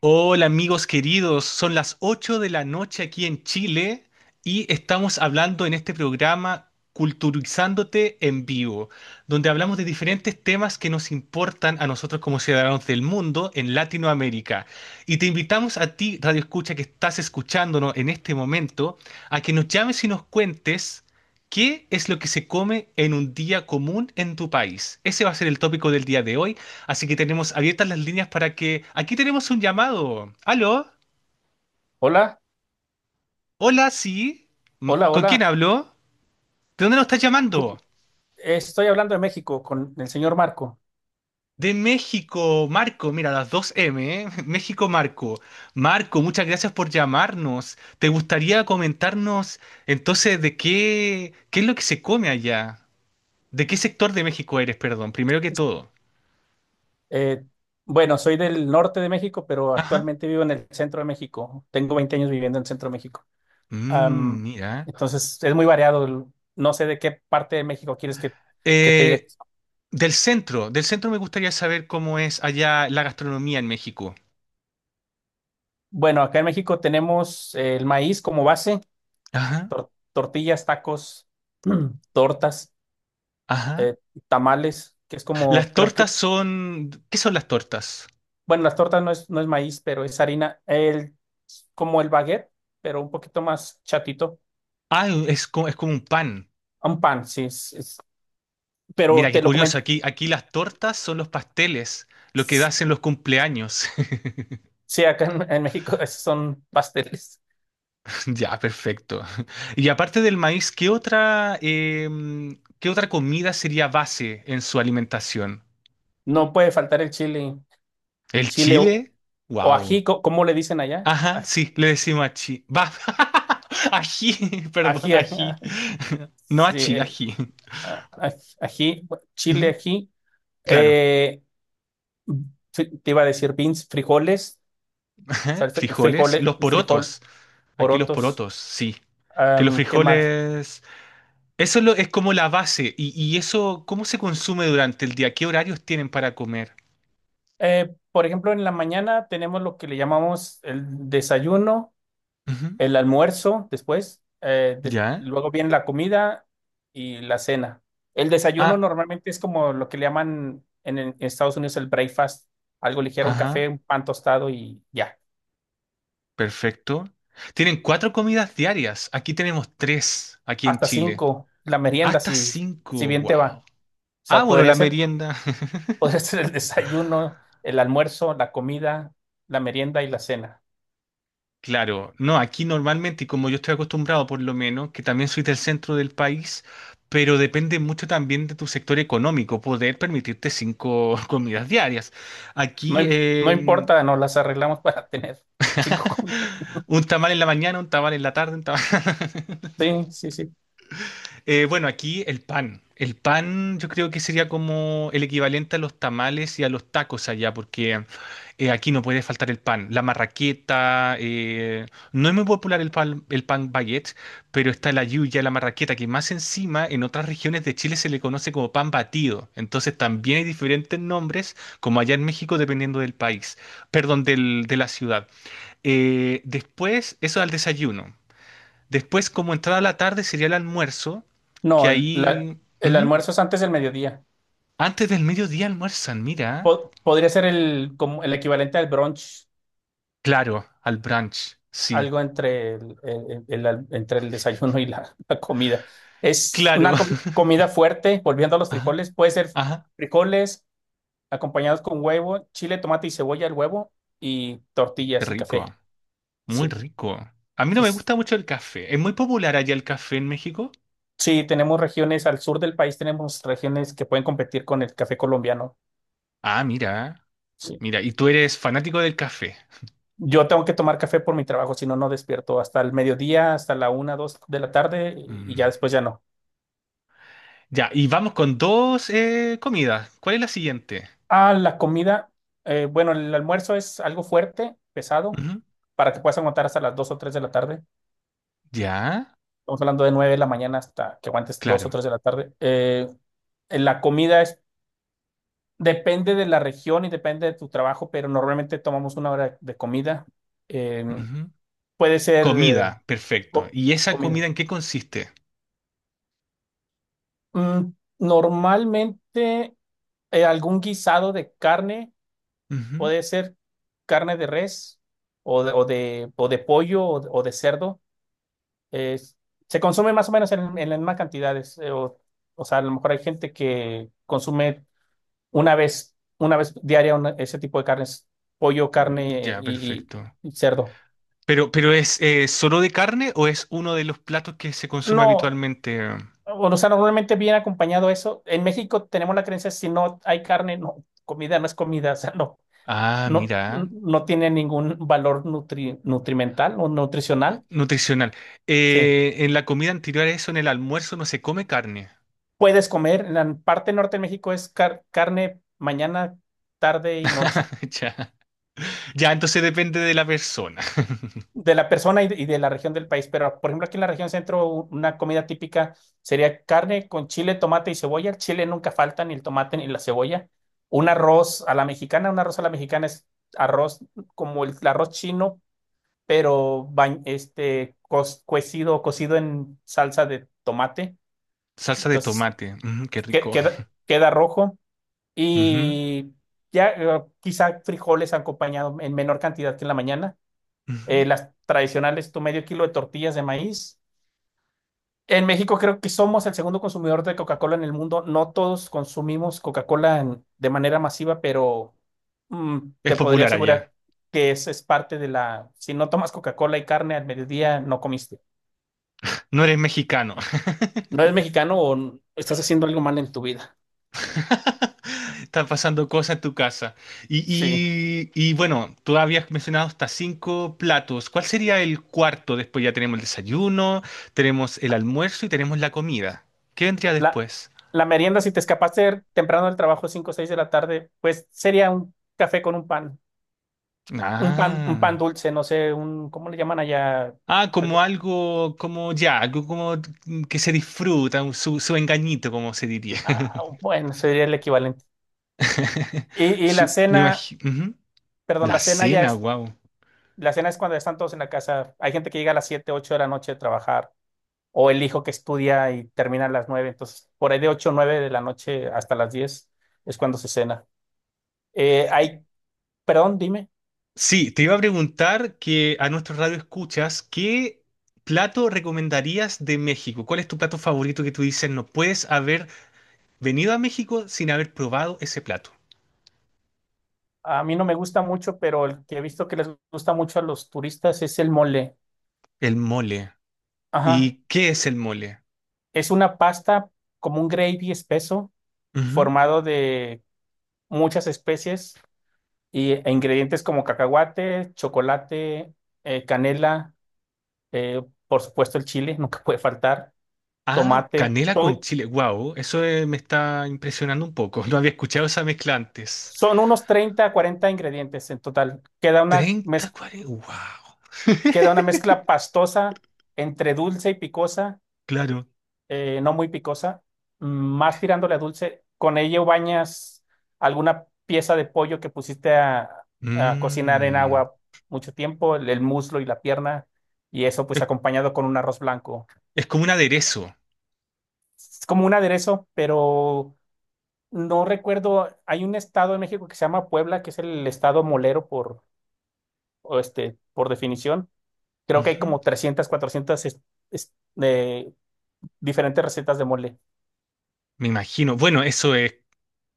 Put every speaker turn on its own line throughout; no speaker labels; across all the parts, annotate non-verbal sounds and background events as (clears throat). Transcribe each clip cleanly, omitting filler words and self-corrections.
Hola amigos queridos, son las 8 de la noche aquí en Chile y estamos hablando en este programa Culturizándote en vivo, donde hablamos de diferentes temas que nos importan a nosotros como ciudadanos del mundo en Latinoamérica. Y te invitamos a ti, Radio Escucha, que estás escuchándonos en este momento, a que nos llames y nos cuentes qué es lo que se come en un día común en tu país. Ese va a ser el tópico del día de hoy. Así que tenemos abiertas las líneas para que. Aquí tenemos un llamado. ¿Aló?
Hola,
Hola, sí.
hola,
¿Con quién
hola.
hablo? ¿De dónde nos estás llamando?
Cu- Estoy hablando de México con el señor Marco.
De México, Marco. Mira, las dos M, ¿eh? (laughs) México, Marco. Marco, muchas gracias por llamarnos. ¿Te gustaría comentarnos entonces de qué es lo que se come allá? ¿De qué sector de México eres, perdón? Primero que todo.
Eh, bueno, soy del norte de México, pero
Ajá.
actualmente vivo en el centro de México. Tengo 20 años viviendo en el centro de México.
Mm,
Am,
mira.
entonces, es muy variado. No sé de qué parte de México quieres que te diga.
Eh, del centro me gustaría saber cómo es allá la gastronomía en México.
Bueno, acá en México tenemos el maíz como base,
Ajá,
tortillas, tacos, (clears throat) tortas,
ajá.
eh, tamales, que es como,
Las
creo
tortas
que.
son. ¿Qué son las tortas?
Bueno, las tortas no es maíz, pero es harina. El, como el baguette, pero un poquito más chatito.
Ah, es como un pan.
Un pan, sí. Pero
Mira, qué
te lo
curioso.
comen.
Aquí las tortas son los pasteles, lo que
Sí,
das en los cumpleaños. (laughs)
acá en México (laughs) esos son pasteles.
Ya, perfecto. Y aparte del maíz, ¿qué otra comida sería base en su alimentación?
No puede faltar el chile.
¿El
Chile
chile?
o
Wow.
ají, ¿cómo le dicen allá?
Ajá, sí, le decimos achi. Va. (laughs) Ají, perdón,
Ají. (laughs)
ají. No
Sí,
achi, ají.
ají, chile,
Ujú,
ají.
claro.
Eh, fri- te iba a decir beans, frijoles. O sea,
(laughs)
el
Frijoles,
frijole,
los
el frijol,
porotos. Aquí los
porotos.
porotos, sí. Que los
¿Qué más?
frijoles. Eso es es como la base. Y eso, ¿cómo se consume durante el día? ¿Qué horarios tienen para comer?
Por ejemplo, en la mañana tenemos lo que le llamamos el desayuno,
Ujú.
el almuerzo después,
¿Ya?
luego viene la comida y la cena. El desayuno
Ah,
normalmente es como lo que le llaman en Estados Unidos el breakfast, algo ligero, un café,
ajá.
un pan tostado y ya.
Perfecto. Tienen cuatro comidas diarias. Aquí tenemos tres, aquí en
Hasta
Chile.
cinco, la merienda,
Hasta
si
cinco.
bien te va.
Wow.
O
Ah,
sea,
bueno,
podría
la
ser,
merienda. (laughs)
(laughs) podría ser el desayuno, el almuerzo, la comida, la merienda y la cena.
Claro, no, aquí normalmente, y como yo estoy acostumbrado por lo menos, que también soy del centro del país, pero depende mucho también de tu sector económico, poder permitirte cinco (laughs) comidas diarias.
No,
Aquí
no importa, nos las arreglamos para tener cinco (laughs) comidas.
un tamal en la mañana, un tamal en la tarde, un tamal.
Sí, sí, sí.
Bueno, aquí el pan. El pan yo creo que sería como el equivalente a los tamales y a los tacos allá, porque aquí no puede faltar el pan. La marraqueta, no es muy popular el pan baguette, pero está la lluvia, la marraqueta, que más encima en otras regiones de Chile se le conoce como pan batido. Entonces también hay diferentes nombres, como allá en México, dependiendo del país, perdón, de la ciudad. Después, eso al desayuno. Después, como entrada la tarde, sería el almuerzo, que
No,
ahí.
el
Ujú.
almuerzo es antes del mediodía.
Antes del mediodía almuerzan, mira.
Podría ser el, como el equivalente al brunch,
Claro, al brunch, sí.
algo entre el- entre el desayuno y la comida. Es
Claro.
una
(laughs)
comida fuerte, volviendo a los
Ajá,
frijoles, puede ser
ajá.
frijoles acompañados con huevo, chile, tomate y cebolla, el huevo, y
Qué
tortillas y
rico,
café.
muy
Sí.
rico. A mí no me
Entonces,
gusta mucho el café. ¿Es muy popular allá el café en México?
sí, tenemos regiones, al sur del país tenemos regiones que pueden competir con el café colombiano.
Ah, mira,
Sí.
mira. Y tú eres fanático del café.
Yo tengo que tomar café por mi trabajo, si no, no despierto hasta el mediodía, hasta la 1, 2 de la tarde y ya
Mm.
después ya no.
Ya, y vamos con dos comidas. ¿Cuál es la siguiente?
Ah, la comida, bueno, el almuerzo es algo fuerte, pesado,
Ujú.
para que puedas aguantar hasta las 2 o 3 de la tarde.
Ya,
Estamos hablando de 9 de la mañana hasta que aguantes dos o
claro.
tres de la tarde. La comida es, depende de la región y depende de tu trabajo, pero normalmente tomamos una hora de comida. Eh,
Ujú.
puede ser
Comida, perfecto.
co-
¿Y esa
comida.
comida en qué consiste?
Mm, normalmente. Algún guisado de carne,
Ujú.
puede ser carne de res o de pollo o de cerdo. es- se consume más o menos en las mismas cantidades. O sea, a lo mejor hay gente que consume una vez diaria ese tipo de carnes, pollo,
Mm,
carne
ya,
y, y-
perfecto.
y cerdo.
Pero ¿es solo de carne o es uno de los platos que se consume
No,
habitualmente?
o sea, normalmente viene acompañado eso. En México tenemos la creencia, si no hay carne, no, comida no es comida, (laughs) o sea, no.
Ah,
No,
mira,
no tiene ningún valor nutrimental o nutricional.
nutricional.
Sí.
En la comida anterior a eso, en el almuerzo, no se come carne.
Puedes comer, en la parte norte de México es carne mañana, tarde y noche,
(laughs) Ya, ya, entonces depende de la persona.
de la persona y de la región del país. Pero, por ejemplo, aquí en la región centro, una comida típica sería carne con chile, tomate y cebolla. El chile nunca falta, ni el tomate ni la cebolla. Un arroz a la mexicana, un arroz a la mexicana es arroz como el arroz chino, pero este, cocido en salsa de tomate.
Salsa de
Entonces,
tomate, ujú, qué rico.
queda rojo
Ujú,
y ya quizá frijoles acompañado en menor cantidad que en la mañana. Eh,
ujú.
las tradicionales, tu medio kilo de tortillas de maíz. En México creo que somos el segundo consumidor de Coca-Cola en el mundo. No todos consumimos Coca-Cola de manera masiva, pero mm,
Es
te podría
popular
asegurar
allá.
que es parte de la... Si no tomas Coca-Cola y carne al mediodía, no comiste.
No eres mexicano.
¿No eres mexicano o estás haciendo algo mal en tu vida?
(laughs) Están pasando cosas en tu casa. Y,
Sí.
y bueno, tú habías mencionado hasta cinco platos. ¿Cuál sería el cuarto? Después ya tenemos el desayuno, tenemos el almuerzo y tenemos la comida. ¿Qué vendría
La,
después?
la merienda, si te escapaste temprano del trabajo, 5 o 6 de la tarde, pues sería un café con un pan, un pan
Ah,
dulce, no sé, un, ¿cómo le llaman allá?
ah, como
Algo-
algo, como ya, algo como que se disfruta, su engañito, como se diría.
bueno, sería el equivalente.
(laughs)
Y la
Su, me
cena,
imagino.
perdón,
La cena, wow.
la cena es cuando están todos en la casa. Hay gente que llega a las 7, 8 de la noche de trabajar, o el hijo que estudia y termina a las 9, entonces por ahí de 8, 9 de la noche hasta las 10 es cuando se cena. Eh, hay, Perdón, dime.
Sí, te iba a preguntar que a nuestro radio escuchas, ¿qué plato recomendarías de México? ¿Cuál es tu plato favorito que tú dices no puedes haber venido a México sin haber probado ese plato?
A mí no me gusta mucho, pero el que he visto que les gusta mucho a los turistas es el mole.
El mole.
Ajá.
¿Y qué es el mole?
Es una pasta como un gravy espeso,
Ujú.
formado de muchas especies e ingredientes como cacahuate, chocolate, canela, eh, por supuesto el chile, (laughs) nunca puede faltar,
Ah,
tomate.
canela con
Todo,
chile. Wow, eso me está impresionando un poco. (laughs) No había escuchado esa mezcla antes.
son unos 30 a 40 ingredientes en total. Queda una
30,
mez-
40. Wow.
queda una mezcla
(laughs)
pastosa entre dulce y picosa,
Claro.
no muy picosa, más tirándole a dulce. Con ello bañas alguna pieza de pollo que pusiste a, cocinar en
Mm.
agua mucho tiempo, el muslo y la pierna, y eso pues
Es,
acompañado con un arroz blanco.
es como un aderezo.
Es como un aderezo, pero no recuerdo, hay un estado en México que se llama Puebla, que es el estado molero por, o este, por definición. Creo que hay
Ujú.
como 300, 400 es- eh, diferentes recetas de mole.
Me imagino. Bueno, eso es.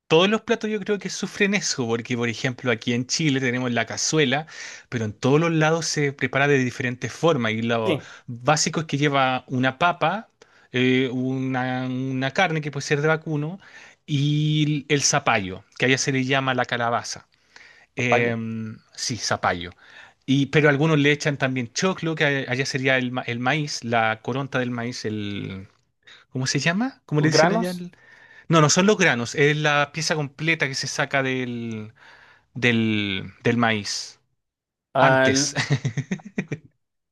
Todos los platos yo creo que sufren eso, porque por ejemplo aquí en Chile tenemos la cazuela, pero en todos los lados se prepara de diferentes formas y lo
Sí,
básico es que lleva una papa, una carne que puede ser de vacuno y el zapallo, que allá se le llama la calabaza.
papayo.
Sí, zapallo. Y, pero algunos le echan también choclo, que allá sería el maíz, la coronta del maíz, el. ¿Cómo se llama? ¿Cómo le dicen allá?
Granos.
No, no son los granos, es la pieza completa que se saca del, maíz.
Ah,
Antes,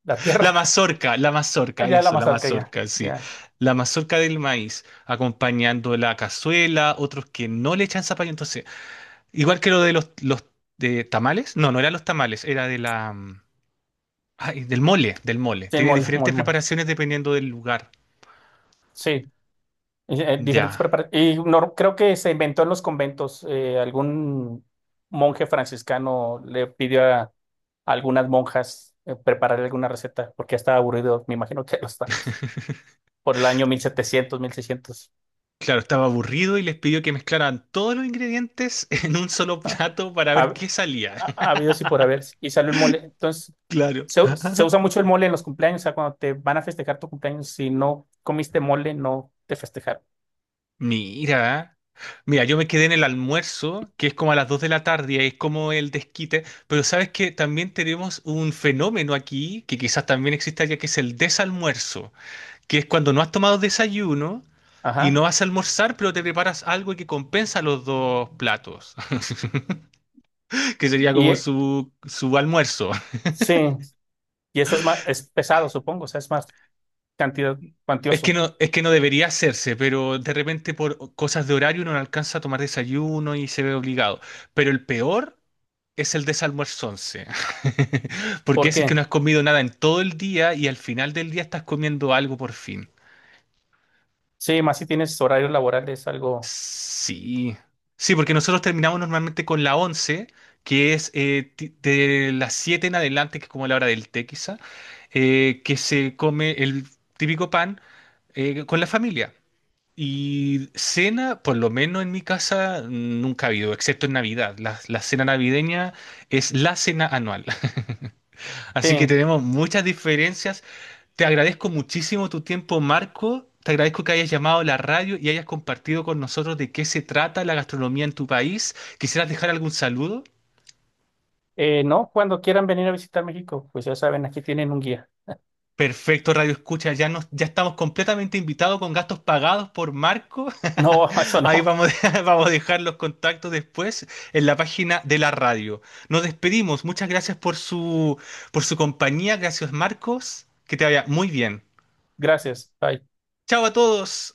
la
(laughs)
tierra,
la
(laughs)
mazorca,
allá la
eso, la
mazorca, ya,
mazorca, sí.
ya.
La mazorca del maíz, acompañando la cazuela, otros que no le echan zapallo. Entonces, igual que lo de los de tamales, no, no eran los tamales, era de la, ay, del mole.
Sí, el
Tiene diferentes
mol.
preparaciones dependiendo del lugar.
Sí, y, diferentes
Ya.
preparaciones. Y no, creo que se inventó en los conventos. Algún monje franciscano le pidió a algunas monjas preparar alguna receta porque ya estaba aburrido, me imagino que (laughs) de los tacos, por el año 1700, 1600.
Claro, estaba aburrido y les pidió que mezclaran todos los ingredientes (laughs) en un solo plato
(laughs)
para
Ha,
ver qué salía.
Ha habido sí por haber. Y salió el mole. Entonces,
Claro.
se usa
(laughs)
mucho el mole en los cumpleaños. O sea, cuando te van a festejar tu cumpleaños, si no comiste mole, no te festejaron.
Mira, mira, yo me quedé en el almuerzo, que es como a las 2 de la tarde, y ahí es como el desquite, pero sabes que también tenemos un fenómeno aquí, que quizás también existe allá, que es el desalmuerzo, que es cuando no has tomado desayuno y
Ajá.
no vas a almorzar, pero te preparas algo que compensa los dos platos, (laughs) que sería
Y
como
eh,
su almuerzo.
sí, y eso es más, es pesado, supongo, o sea, es más cantidad, cuantioso.
Es que no debería hacerse, pero de repente por cosas de horario uno no alcanza a tomar desayuno y se ve obligado. Pero el peor. Es el desalmuerzonce. (laughs) Porque
¿Por
ese es que no
qué?
has comido nada en todo el día y al final del día estás comiendo algo por fin.
Sí, más si tienes horario laboral, es algo.
Sí. Sí, porque nosotros terminamos normalmente con la 11, que es de las 7 en adelante, que es como la hora del té quizá, que se come el típico pan con la familia. Y cena, por lo menos en mi casa, nunca ha habido, excepto en Navidad. La cena navideña es la cena anual. (laughs)
Sí.
Así que tenemos muchas diferencias. Te agradezco muchísimo tu tiempo, Marco. Te agradezco que hayas llamado a la radio y hayas compartido con nosotros de qué se trata la gastronomía en tu país. ¿Quisieras dejar algún saludo?
No, cuando quieran venir a visitar México, pues ya saben, aquí tienen un guía.
Perfecto, Radio Escucha. Ya, ya estamos completamente invitados con gastos pagados por Marco.
No, (laughs) eso
(laughs) Ahí
no.
vamos, (laughs) vamos a dejar los contactos después en la página de la radio. Nos despedimos. Muchas gracias por su compañía. Gracias, Marcos. Que te vaya muy bien.
Gracias. Bye.
Chao a todos.